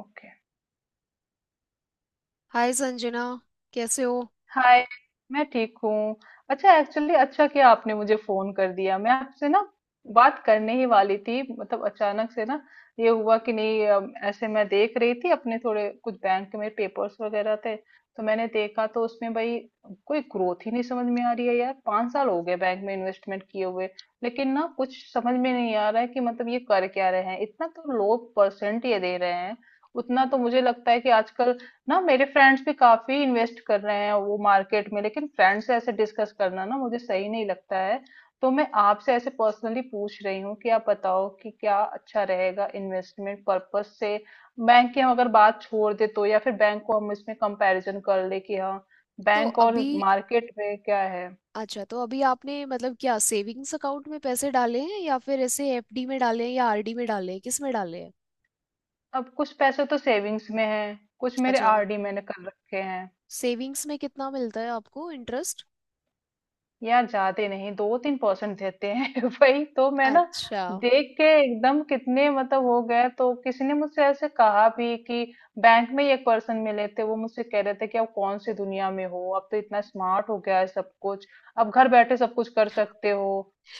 Okay. Hi Sanjana. कैसे हो। Hi. मैं ठीक हूँ। अच्छा एक्चुअली अच्छा किया आपने मुझे फोन कर दिया, मैं आपसे ना बात करने ही वाली थी, मतलब अचानक से ना ये हुआ कि नहीं। ऐसे मैं देख रही थी, अपने थोड़े कुछ बैंक में पेपर्स वगैरह थे तो मैंने देखा तो उसमें भाई कोई ग्रोथ ही नहीं समझ में आ रही है यार। 5 साल हो गए बैंक में इन्वेस्टमेंट किए हुए, लेकिन ना कुछ समझ में नहीं आ रहा है कि मतलब ये कर क्या रहे हैं। इतना तो लो परसेंट ये दे रहे हैं, उतना तो मुझे लगता है कि आजकल ना मेरे फ्रेंड्स भी काफी इन्वेस्ट कर रहे हैं वो मार्केट में। लेकिन फ्रेंड्स से ऐसे डिस्कस करना ना मुझे सही नहीं लगता है, तो मैं आपसे ऐसे पर्सनली पूछ रही हूँ कि आप बताओ कि क्या अच्छा रहेगा इन्वेस्टमेंट पर्पस से। बैंक की हम अगर बात छोड़ दे तो, या फिर बैंक को हम इसमें कंपैरिजन कर ले कि हाँ, तो बैंक और अभी मार्केट में क्या है। अच्छा, तो अभी आपने मतलब क्या सेविंग्स अकाउंट में पैसे डाले हैं या फिर ऐसे एफडी में डाले हैं या आरडी में डाले हैं, किस में डाले हैं। अब कुछ पैसे तो सेविंग्स में है, कुछ मेरे अच्छा। आरडी मैंने कर रखे हैं। सेविंग्स में कितना मिलता है आपको इंटरेस्ट। यार ज्यादा नहीं, 2-3% देते हैं वही तो मैं ना अच्छा। देख के एकदम कितने मतलब हो गए, तो किसी ने मुझसे ऐसे कहा भी कि बैंक में ही एक पर्सन मिले थे, वो मुझसे कह रहे थे कि आप कौन सी दुनिया में हो, अब तो इतना स्मार्ट हो गया है सब कुछ, अब घर बैठे सब कुछ कर सकते हो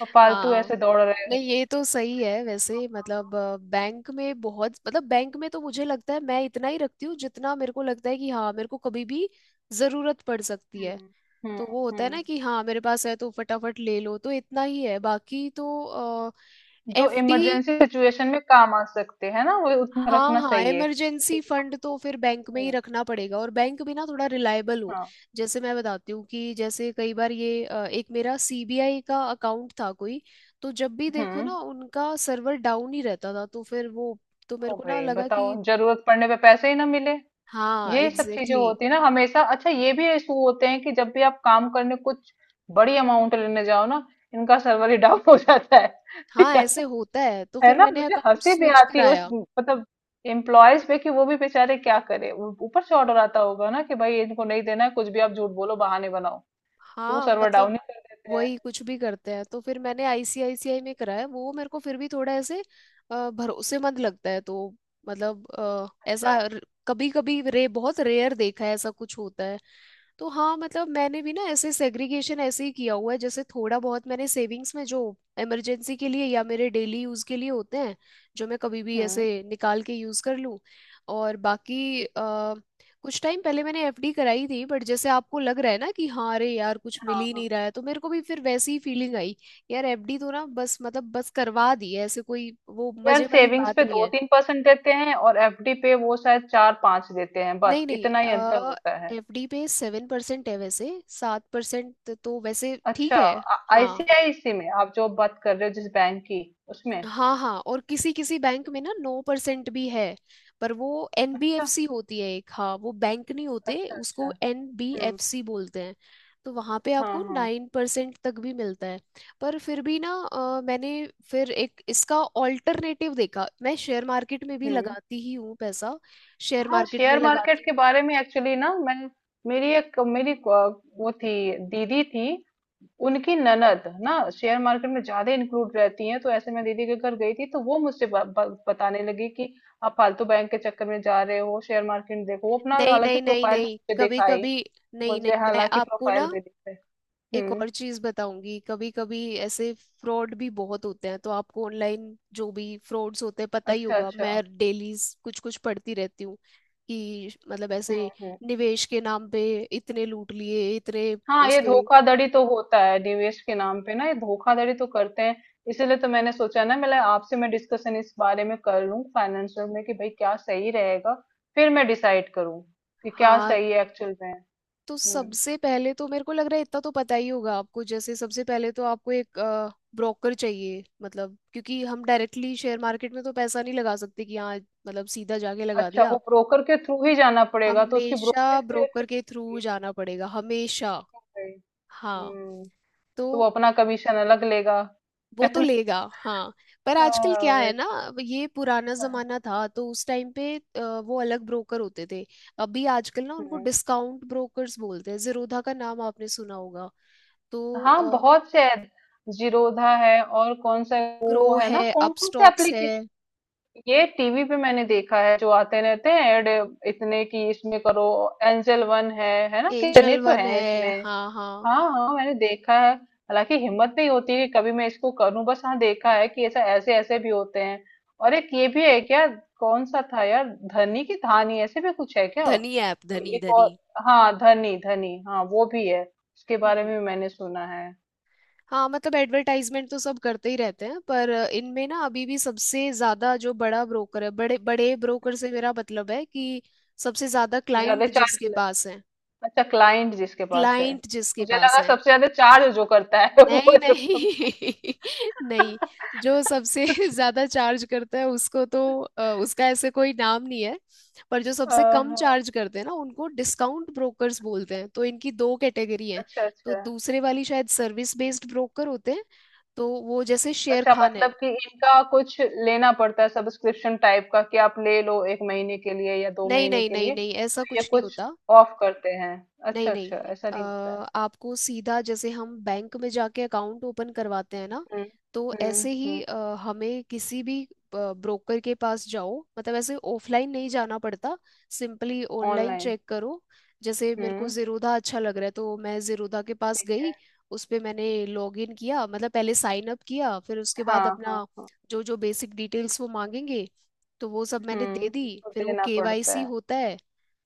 और फालतू हाँ, ऐसे दौड़ रहे हो। नहीं ये तो सही है। वैसे मतलब बैंक में बहुत, मतलब बैंक में तो मुझे लगता है मैं इतना ही रखती हूँ जितना मेरे को लगता है कि हाँ, मेरे को कभी भी जरूरत पड़ सकती है। हम्म। हम्म। तो वो होता है हम्म, ना कि हाँ, मेरे पास है तो फटाफट ले लो। तो इतना ही है, बाकी तो जो एफडी। इमरजेंसी सिचुएशन में काम आ सकते हैं ना वो उतना हाँ रखना हाँ, सही है कि इमरजेंसी फंड तो आपको-। फिर बैंक में ही हम्म। रखना पड़ेगा, और बैंक भी ना थोड़ा रिलायबल हो। हाँ। जैसे मैं बताती हूँ, कि जैसे कई बार ये एक मेरा सीबीआई का अकाउंट था कोई, तो जब भी देखो हम्म, ना उनका सर्वर डाउन ही रहता था, तो फिर वो, तो मेरे ओ को ना भाई लगा बताओ, कि, जरूरत पड़ने पे पैसे ही ना मिले। हाँ यही सब चीजें एग्जैक्टली exactly, होती है ना हमेशा। अच्छा ये भी इशू होते हैं कि जब भी आप काम करने कुछ बड़ी अमाउंट लेने जाओ ना, इनका सर्वर ही डाउन हो जाता है। हाँ ऐसे होता है। तो है फिर ना, मैंने मुझे अकाउंट हंसी भी स्विच आती है उस कराया। मतलब एम्प्लॉयज पे कि वो भी बेचारे क्या करे, ऊपर से ऑर्डर आता होगा ना कि भाई इनको नहीं देना है कुछ भी, आप झूठ बोलो बहाने बनाओ, तो वो हाँ सर्वर डाउन ही मतलब कर देते हैं। वही कुछ भी करते हैं। तो फिर मैंने आईसीआईसीआई में कराया, वो मेरे को फिर भी थोड़ा ऐसे भरोसेमंद लगता है। तो मतलब अच्छा। ऐसा कभी कभी रे, बहुत रेयर देखा है ऐसा कुछ होता है। तो हाँ, मतलब मैंने भी ना ऐसे सेग्रीगेशन ऐसे ही किया हुआ है, जैसे थोड़ा बहुत मैंने सेविंग्स में जो इमरजेंसी के लिए या मेरे डेली यूज़ के लिए होते हैं, जो मैं कभी भी हम्म। ऐसे निकाल के यूज़ कर लूँ। और बाकी कुछ टाइम पहले मैंने एफडी कराई थी, बट जैसे आपको लग रहा है ना कि हाँ, अरे यार कुछ मिल हाँ, ही नहीं हाँ। रहा है, तो मेरे को भी फिर वैसी ही फीलिंग आई। यार एफडी तो ना बस मतलब बस करवा दी है, ऐसे कोई वो यार मजे वाली सेविंग्स बात पे नहीं दो है। तीन परसेंट देते हैं और एफडी पे वो शायद चार पांच देते हैं, बस नहीं नहीं इतना ही अंतर होता है। एफडी पे 7% है वैसे। 7% तो वैसे ठीक अच्छा। है। हाँ। आईसीआईसी में आप जो बात कर रहे हो, जिस बैंक की, उसमें? हाँ हाँ, और किसी किसी बैंक में ना 9% भी है, पर वो अच्छा। एनबीएफसी होती है एक। हाँ वो बैंक नहीं होते, अच्छा। अच्छा। उसको हम्म। एनबीएफसी बोलते हैं। तो वहाँ पे हाँ, आपको हाँ। 9% तक भी मिलता है। पर फिर भी ना मैंने फिर एक इसका ऑल्टरनेटिव देखा, मैं शेयर मार्केट में भी हम्म। लगाती ही हूँ पैसा। शेयर हाँ मार्केट में शेयर मार्केट लगाती हूँ। के बारे में एक्चुअली ना मैं, मेरी एक मेरी वो थी, दीदी थी, उनकी ननद ना शेयर मार्केट में ज्यादा इंक्लूड रहती हैं, तो ऐसे में दीदी के घर गई थी तो वो मुझसे ब, ब, बताने लगी कि आप फालतू बैंक के चक्कर में जा रहे हो, शेयर मार्केट देखो, वो अपना नहीं हालांकि नहीं नहीं प्रोफाइल भी नहीं, मुझे कभी दिखाई। कभी, नहीं मुझे नहीं मैं हालांकि आपको ना प्रोफाइल भी दिखाई। एक हम्म। और चीज बताऊंगी, कभी कभी ऐसे फ्रॉड भी बहुत होते हैं। तो आपको ऑनलाइन जो भी फ्रॉड्स होते हैं पता ही अच्छा, होगा, मैं अच्छा। डेली कुछ कुछ पढ़ती रहती हूँ कि मतलब हम्म। ऐसे हम्म। निवेश के नाम पे इतने लूट लिए, इतने। हाँ ये उसके, धोखाधड़ी तो होता है निवेश के नाम पे ना, ये धोखाधड़ी तो करते हैं। इसीलिए तो मैंने सोचा ना मैं आपसे मैं डिस्कशन इस बारे में कर लूं फाइनेंशियल में कि भाई क्या सही रहेगा, फिर मैं डिसाइड करूँ कि क्या हाँ सही है एक्चुअल में। तो हम्म। सबसे पहले तो मेरे को लग रहा है इतना तो पता ही होगा आपको। जैसे सबसे पहले तो आपको एक ब्रोकर चाहिए मतलब, क्योंकि हम डायरेक्टली शेयर मार्केट में तो पैसा नहीं लगा सकते कि हाँ मतलब सीधा जाके लगा अच्छा, दिया। वो ब्रोकर के थ्रू ही जाना पड़ेगा, तो उसकी हमेशा ब्रोकरेज भी अच्छी ब्रोकर के थ्रू होगी। जाना पड़ेगा, हमेशा। भाई। हाँ, हम्म। तो तो वो अपना कमीशन अलग लेगा वो है तो ना? लेगा हाँ। पर आजकल हाँ क्या है वही। ना, ये पुराना हाँ। जमाना था तो उस टाइम पे वो अलग ब्रोकर होते थे। अभी आजकल ना उनको हम्म। डिस्काउंट ब्रोकर्स बोलते हैं। जीरोधा का नाम आपने सुना होगा। तो हाँ, बहुत से ऐड-। जीरोधा है और कौन सा ग्रो वो है है, ना, कौन कौन से अपस्टॉक्स है, एप्लीकेशन ये टीवी पे मैंने देखा है जो आते रहते हैं ऐड, इतने की इसमें करो। एंजल वन है ना, कितने एंजल तो वन हैं है। इसमें। हाँ हाँ, हाँ हाँ मैंने देखा है, हालांकि हिम्मत नहीं होती कि कभी मैं इसको करूं, बस हाँ देखा है कि ऐसा ऐसे ऐसे भी होते हैं। और एक ये भी है क्या, कौन सा था यार, धनी की धानी ऐसे भी कुछ है क्या, धनी ऐप, कोई धनी एक और। धनी। हाँ धनी धनी, हाँ वो भी है, उसके बारे हम्म। में भी मैंने सुना है। हाँ मतलब एडवर्टाइजमेंट तो सब करते ही रहते हैं। पर इनमें ना अभी भी सबसे ज्यादा जो बड़ा ब्रोकर है, बड़े बड़े ब्रोकर से मेरा मतलब है कि सबसे ज्यादा जो ज्यादा क्लाइंट जिसके चार्ज। पास है, अच्छा, क्लाइंट जिसके पास है। क्लाइंट जिसके मुझे पास लगा है। सबसे ज्यादा चार्ज जो करता है वो नहीं सबसे सब सब- नहीं नहीं, जो सबसे कुछ। ज्यादा चार्ज करता है उसको तो उसका ऐसे कोई नाम नहीं है। पर जो सबसे कम आहा। चार्ज करते हैं ना, उनको डिस्काउंट ब्रोकर्स बोलते हैं। तो इनकी दो कैटेगरी हैं। अच्छा, तो अच्छा। दूसरे वाली शायद सर्विस बेस्ड ब्रोकर होते हैं, तो वो जैसे शेर अच्छा खान मतलब है। कि इनका कुछ लेना पड़ता है सब्सक्रिप्शन टाइप का कि आप ले लो एक महीने के लिए या दो नहीं महीने नहीं के नहीं लिए, नहीं, ऐसा तो ये कुछ नहीं कुछ होता। ऑफ करते हैं। नहीं अच्छा, अच्छा नहीं ऐसा नहीं होता है। आपको सीधा जैसे हम बैंक में जाके अकाउंट ओपन करवाते हैं ना, हम्म। तो हम्म। ऐसे ही हम्म। हमें किसी भी ब्रोकर के पास जाओ मतलब, ऐसे ऑफलाइन नहीं जाना पड़ता। Simply online online. चेक करो। जैसे मेरे को हम्म। जीरोधा अच्छा लग रहा है तो मैं जीरोधा के पास ठीक गई। है। उस पे मैंने लॉग इन किया, मतलब पहले साइन अप किया। फिर उसके बाद हाँ, हाँ, अपना हाँ। जो जो बेसिक डिटेल्स वो मांगेंगे तो वो सब मैंने दे हम्म, दी। तो फिर वो देना पड़ता केवाईसी है। होता है।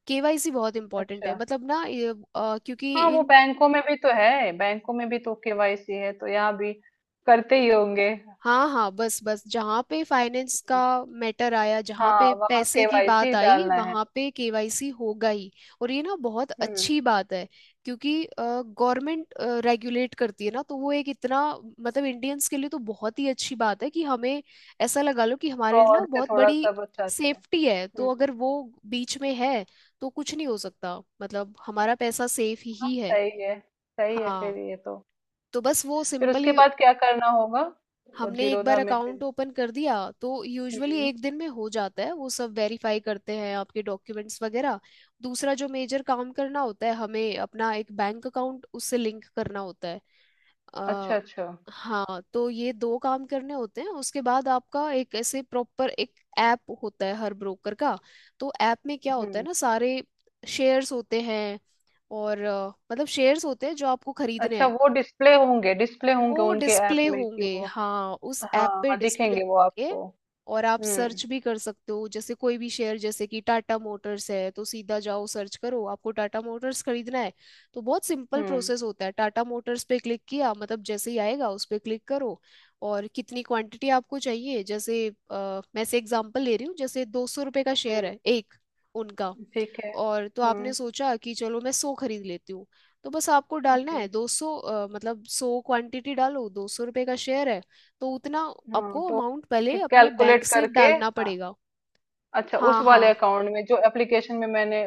केवाईसी बहुत इंपॉर्टेंट है, अच्छा। मतलब ना ये, क्योंकि हाँ वो इन, बैंकों में भी तो है, बैंकों में भी तो केवाईसी है तो यहाँ भी करते ही होंगे। हम्म। हाँ हाँ, बस बस जहाँ पे फाइनेंस का मैटर आया, जहाँ हाँ पे वहाँ पैसे की बात केवाईसी आई, डालना है। वहाँ पे केवाईसी होगा ही। और ये ना बहुत हम्म। अच्छी बात है, क्योंकि गवर्नमेंट रेगुलेट करती है ना, तो वो एक इतना, मतलब इंडियंस के लिए तो बहुत ही अच्छी बात है कि हमें ऐसा लगा लो कि हमारे लिए ना वो फ्रॉड से बहुत थोड़ा बड़ी सा बचाते हैं। सेफ्टी है। तो हम्म। अगर वो बीच में है तो कुछ नहीं हो सकता, मतलब हमारा पैसा सेफ ही है। सही है, सही है फिर हाँ ये तो। तो बस वो फिर उसके सिंपली बाद क्या करना होगा? वो हमने एक बार जीरोधा में अकाउंट फिर। ओपन कर दिया तो यूजुअली हम्म। एक दिन में हो जाता है। वो सब वेरीफाई करते हैं आपके डॉक्यूमेंट्स वगैरह। दूसरा जो मेजर काम करना होता है, हमें अपना एक बैंक अकाउंट उससे लिंक करना होता है। अच्छा, अ, अच्छा। हाँ तो ये दो काम करने होते हैं। उसके बाद आपका एक ऐसे प्रॉपर एक ऐप होता है हर ब्रोकर का। तो ऐप में क्या होता है हम्म। ना, सारे शेयर्स होते हैं, और मतलब शेयर्स होते हैं जो आपको खरीदने अच्छा हैं। वो डिस्प्ले होंगे, डिस्प्ले होंगे वो उनके ऐप डिस्प्ले में कि होंगे, वो। हाँ उस हाँ ऐप पे हाँ डिस्प्ले दिखेंगे वो होंगे। आपको। और आप हम्म। सर्च भी कर सकते हो, जैसे कोई भी शेयर जैसे कि टाटा मोटर्स है तो सीधा जाओ सर्च करो, आपको टाटा मोटर्स खरीदना है। तो बहुत सिंपल हम्म। प्रोसेस होता है। टाटा मोटर्स पे क्लिक किया मतलब, जैसे ही आएगा उस पे क्लिक करो, और कितनी क्वांटिटी आपको चाहिए। जैसे मैं से एग्जांपल ले रही हूँ, जैसे ₹200 का शेयर हम्म। है एक उनका, ठीक है। और तो आपने हम्म। सोचा कि चलो मैं 100 खरीद लेती हूँ। तो बस आपको डालना ओके। है 200, मतलब 100 क्वांटिटी डालो, ₹200 का शेयर है तो उतना हाँ आपको तो अमाउंट पहले ठीक, अपने बैंक कैलकुलेट से करके। डालना हाँ, पड़ेगा। अच्छा उस हाँ हाँ, वाले अकाउंट में, जो एप्लीकेशन में मैंने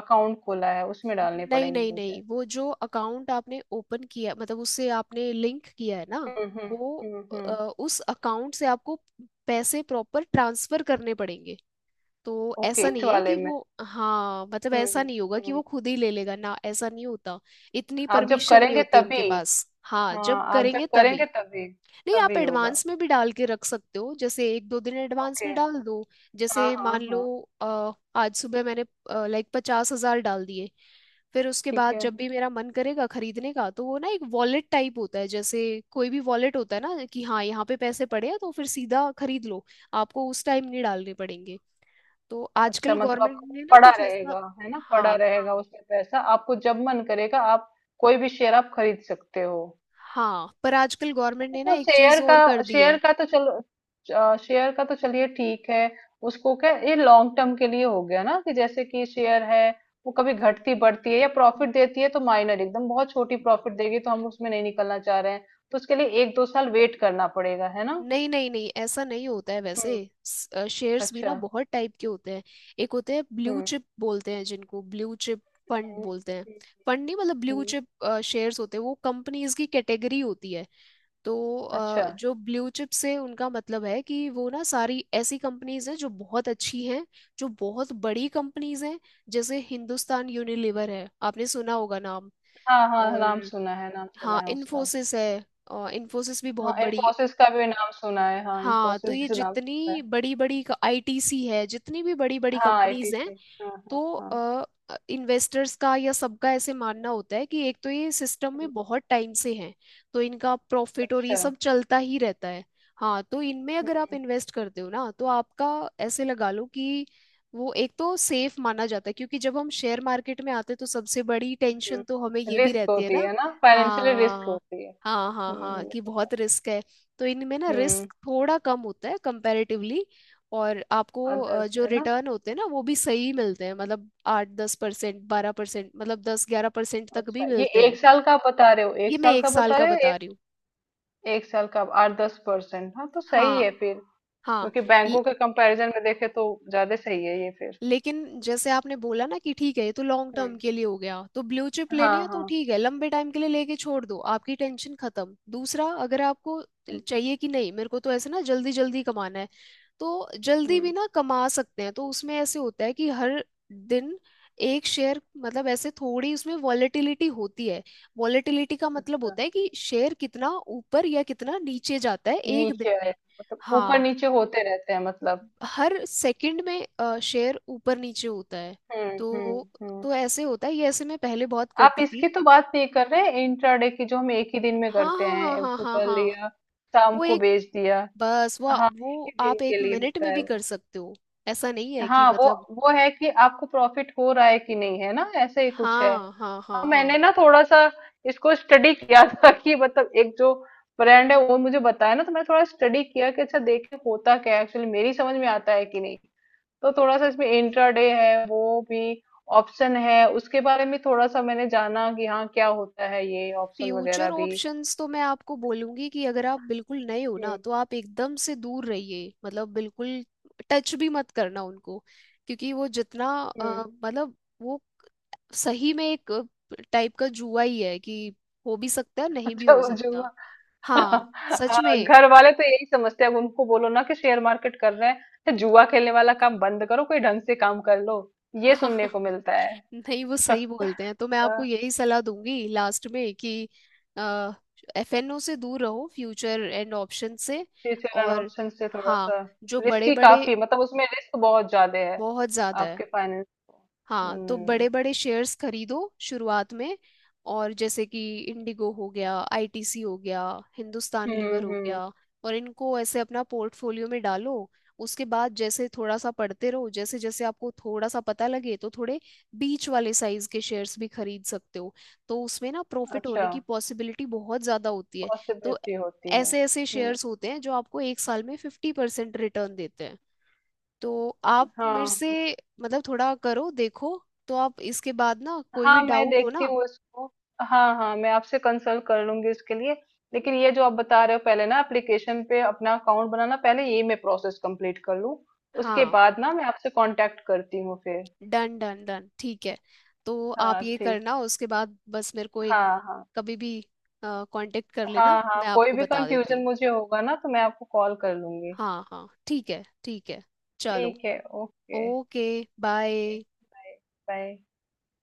अकाउंट खोला है, उसमें डालने नहीं पड़ेंगे नहीं मुझे। नहीं, वो जो अकाउंट आपने ओपन किया मतलब उससे आपने लिंक किया है ना हम्म। हम्म। वो हम्म। अ, हम्म। उस अकाउंट से आपको पैसे प्रॉपर ट्रांसफर करने पड़ेंगे। तो ओके, ऐसा इस नहीं है वाले कि में। वो, हाँ मतलब ऐसा हम्म। नहीं होगा कि हम्म। वो खुद ही ले लेगा ना, ऐसा नहीं होता। इतनी आप जब परमिशन नहीं करेंगे होती तभी। उनके पास। हाँ जब हाँ, आप करेंगे जब करेंगे तभी। तभी। नहीं, आप तभी होगा। एडवांस में भी डाल के रख सकते हो, जैसे एक दो दिन एडवांस में ओके। डाल दो। हाँ, जैसे हाँ, मान लो हाँ। आज सुबह मैंने लाइक 50,000 डाल दिए। फिर उसके ठीक बाद है। जब भी मेरा मन करेगा खरीदने का, तो वो ना एक वॉलेट टाइप होता है, जैसे कोई भी वॉलेट होता है ना कि हाँ यहाँ पे पैसे पड़े हैं, तो फिर सीधा खरीद लो। आपको उस टाइम नहीं डालने पड़ेंगे। तो अच्छा आजकल मतलब गवर्नमेंट आपको वो ने ना पड़ा कुछ ऐसा, रहेगा, है ना, पड़ा हाँ रहेगा हाँ उसमें पैसा, आपको जब मन करेगा आप कोई भी शेयर आप खरीद सकते हो। हाँ, पर आजकल गवर्नमेंट ने ना तो एक चीज शेयर का, और कर दी शेयर है। का तो चलो, शेयर का तो चलिए ठीक है। उसको क्या ये लॉन्ग टर्म के लिए हो गया ना, कि जैसे कि शेयर है, वो कभी घटती बढ़ती है या न- प्रॉफिट देती है, तो माइनर एकदम बहुत छोटी प्रॉफिट देगी, तो हम उसमें नहीं निकलना चाह रहे हैं, तो उसके लिए 1-2 साल वेट करना पड़ेगा है ना? नहीं नहीं नहीं, ऐसा नहीं होता है वैसे। हम्म। शेयर्स भी अच्छा। ना बहुत टाइप के होते हैं। एक होते हैं ब्लू हम्म। चिप, बोलते हैं जिनको ब्लू चिप फंड हम्म। बोलते हैं, हम्म। फंड नहीं मतलब ब्लू हम्म। चिप शेयर्स होते हैं। वो कंपनीज की कैटेगरी होती है। तो अच्छा। जो ब्लू चिप से उनका मतलब है कि वो ना सारी ऐसी कंपनीज हैं जो बहुत अच्छी हैं, जो बहुत बड़ी कंपनीज हैं। जैसे हिंदुस्तान यूनिलीवर है, आपने सुना होगा नाम। हाँ हाँ नाम और सुना है, नाम सुना हाँ, है उसका। इन्फोसिस है, इन्फोसिस भी हाँ बहुत बड़ी। इन्फोसिस का भी नाम सुना है, हाँ हाँ तो इन्फोसिस ये भी नाम सुना जितनी है। बड़ी बड़ी आईटीसी है, जितनी भी बड़ी बड़ी हाँ कंपनीज हैं, आईटीसी, हाँ हाँ तो हाँ। इन्वेस्टर्स का या सबका ऐसे मानना होता है कि एक तो ये सिस्टम हम्म। में बहुत टाइम से हैं, तो इनका प्रॉफिट और ये अच्छा। सब चलता ही रहता है। हाँ तो इनमें अगर आप इन्वेस्ट करते हो ना, तो आपका ऐसे लगा लो कि वो एक तो सेफ माना जाता है, क्योंकि जब हम शेयर मार्केट में आते हैं तो सबसे बड़ी टेंशन तो हमें हम्म, ये भी रिस्क रहती है होती ना, है ना, फाइनेंशियली रिस्क हाँ होती है, हाँ हाँ हाँ, ये कि तो। बहुत रिस्क है। तो इनमें ना हम्म। रिस्क थोड़ा कम होता है कंपैरेटिवली। और आपको अदर्स जो है ना। रिटर्न होते हैं ना वो भी सही मिलते हैं, मतलब 8-10%, 12%, मतलब 10-11% तक भी अच्छा ये मिलते हैं। एक साल का आप बता रहे हो, एक ये मैं साल एक का साल बता का रहे हो। बता एक, रही हूँ। एक साल का 8-10%, हाँ तो सही हाँ है फिर, हाँ। क्योंकि बैंकों के कंपैरिजन में देखे तो ज्यादा सही है ये फिर। लेकिन जैसे आपने बोला ना कि ठीक है, ये तो लॉन्ग टर्म हम्म। के लिए हो गया, तो ब्लू चिप लेने हाँ, हैं तो हाँ। ठीक है, लंबे टाइम के लिए लेके छोड़ दो, आपकी टेंशन खत्म। दूसरा अगर आपको हम्म। चाहिए कि नहीं मेरे को तो ऐसे ना जल्दी जल्दी कमाना है, तो जल्दी भी हम्म। ना कमा सकते हैं। तो उसमें ऐसे होता है कि हर दिन एक शेयर मतलब, ऐसे थोड़ी उसमें वॉलेटिलिटी होती है। वॉलेटिलिटी का मतलब अच्छा, होता है कि शेयर कितना ऊपर या कितना नीचे जाता है एक दिन नीचे आए, में। मतलब ऊपर हाँ नीचे होते रहते हैं मतलब। हर सेकंड में शेयर ऊपर नीचे होता है। हम्म। हम्म। तो हम्म। तो ऐसे होता है, ये ऐसे मैं पहले बहुत आप करती थी। इसकी तो बात नहीं कर रहे, इंट्राडे की, जो हम एक ही दिन में हाँ करते हाँ हाँ हैं, हाँ हाँ सुबह हाँ। लिया शाम वो को एक, बेच दिया। हाँ एक ही वो दिन आप के एक लिए मिनट होता में है भी कर वो। सकते हो। ऐसा नहीं है कि हाँ वो मतलब, वो है कि आपको प्रॉफिट हो रहा है कि नहीं, है ना, ऐसे ही कुछ है। हाँ हाँ हाँ हाँ हाँ। मैंने ना थोड़ा सा इसको स्टडी किया था, कि मतलब एक जो ब्रांड है वो मुझे बताया ना, तो मैं थोड़ा स्टडी किया कि अच्छा देखे होता क्या है एक्चुअली, मेरी समझ में आता है कि नहीं, तो थोड़ा सा इसमें इंट्राडे है, वो भी ऑप्शन है, उसके बारे में थोड़ा सा मैंने जाना कि हाँ क्या होता है ये ऑप्शन फ्यूचर वगैरह भी। ऑप्शंस तो मैं आपको बोलूंगी कि अगर आप बिल्कुल नए हो ना, हम्म। तो आप एकदम से दूर रहिए, मतलब बिल्कुल टच भी मत करना उनको। क्योंकि वो जितना अ, हम्म। मतलब वो सही में एक टाइप का जुआ ही है कि, हो भी सकता है नहीं भी अच्छा हो वो जो सकता। हाँ, सच हाँ, में। घर वाले तो यही समझते हैं, अब उनको बोलो ना कि शेयर मार्केट कर रहे हैं, तो जुआ खेलने वाला काम बंद करो, कोई ढंग से काम कर लो, ये सुनने को मिलता है। नहीं वो सही बोलते हैं। तो मैं आपको यही सलाह दूंगी लास्ट में कि एफएनओ से दूर रहो, फ्यूचर एंड ऑप्शन से। फ्यूचर एंड और ऑप्शन से थोड़ा हाँ, सा जो बड़े रिस्की बड़े, काफी, मतलब उसमें रिस्क बहुत ज्यादा है बहुत ज्यादा है। आपके फाइनेंस को। हाँ तो हम्म। बड़े बड़े शेयर्स खरीदो शुरुआत में, और जैसे कि इंडिगो हो गया, आईटीसी हो गया, हिंदुस्तान हम्म। लीवर हो हम्म। गया, और इनको ऐसे अपना पोर्टफोलियो में डालो। उसके बाद जैसे थोड़ा सा पढ़ते रहो, जैसे जैसे आपको थोड़ा सा पता लगे तो थोड़े बीच वाले साइज के शेयर्स भी खरीद सकते हो। तो उसमें ना प्रॉफिट अच्छा होने की पॉसिबिलिटी बहुत ज्यादा होती है। तो पॉसिबिलिटी होती है। ऐसे ऐसे हम्म। शेयर्स होते हैं जो आपको एक साल में 50% रिटर्न देते हैं। तो आप मेरे हाँ से मतलब थोड़ा करो देखो। तो आप इसके बाद ना कोई भी हाँ मैं डाउट हो देखती ना, हूँ इसको, हाँ हाँ मैं आपसे कंसल्ट कर लूंगी इसके लिए। लेकिन ये जो आप बता रहे हो, पहले ना एप्लीकेशन पे अपना अकाउंट बनाना, पहले ये मैं प्रोसेस कंप्लीट कर लूँ, उसके हाँ, बाद ना मैं आपसे कांटेक्ट करती हूँ फिर। डन डन डन, ठीक है। तो आप हाँ ये ठीक। करना, उसके बाद बस मेरे को एक हाँ, हाँ, कभी भी कांटेक्ट कर लेना, हाँ। हाँ मैं कोई आपको भी बता देती हूँ। कंफ्यूजन मुझे होगा ना तो मैं आपको कॉल कर लूंगी। हाँ हाँ ठीक है, ठीक है। चलो। ठीक है। Okay. Okay. Bye. Bye. Bye.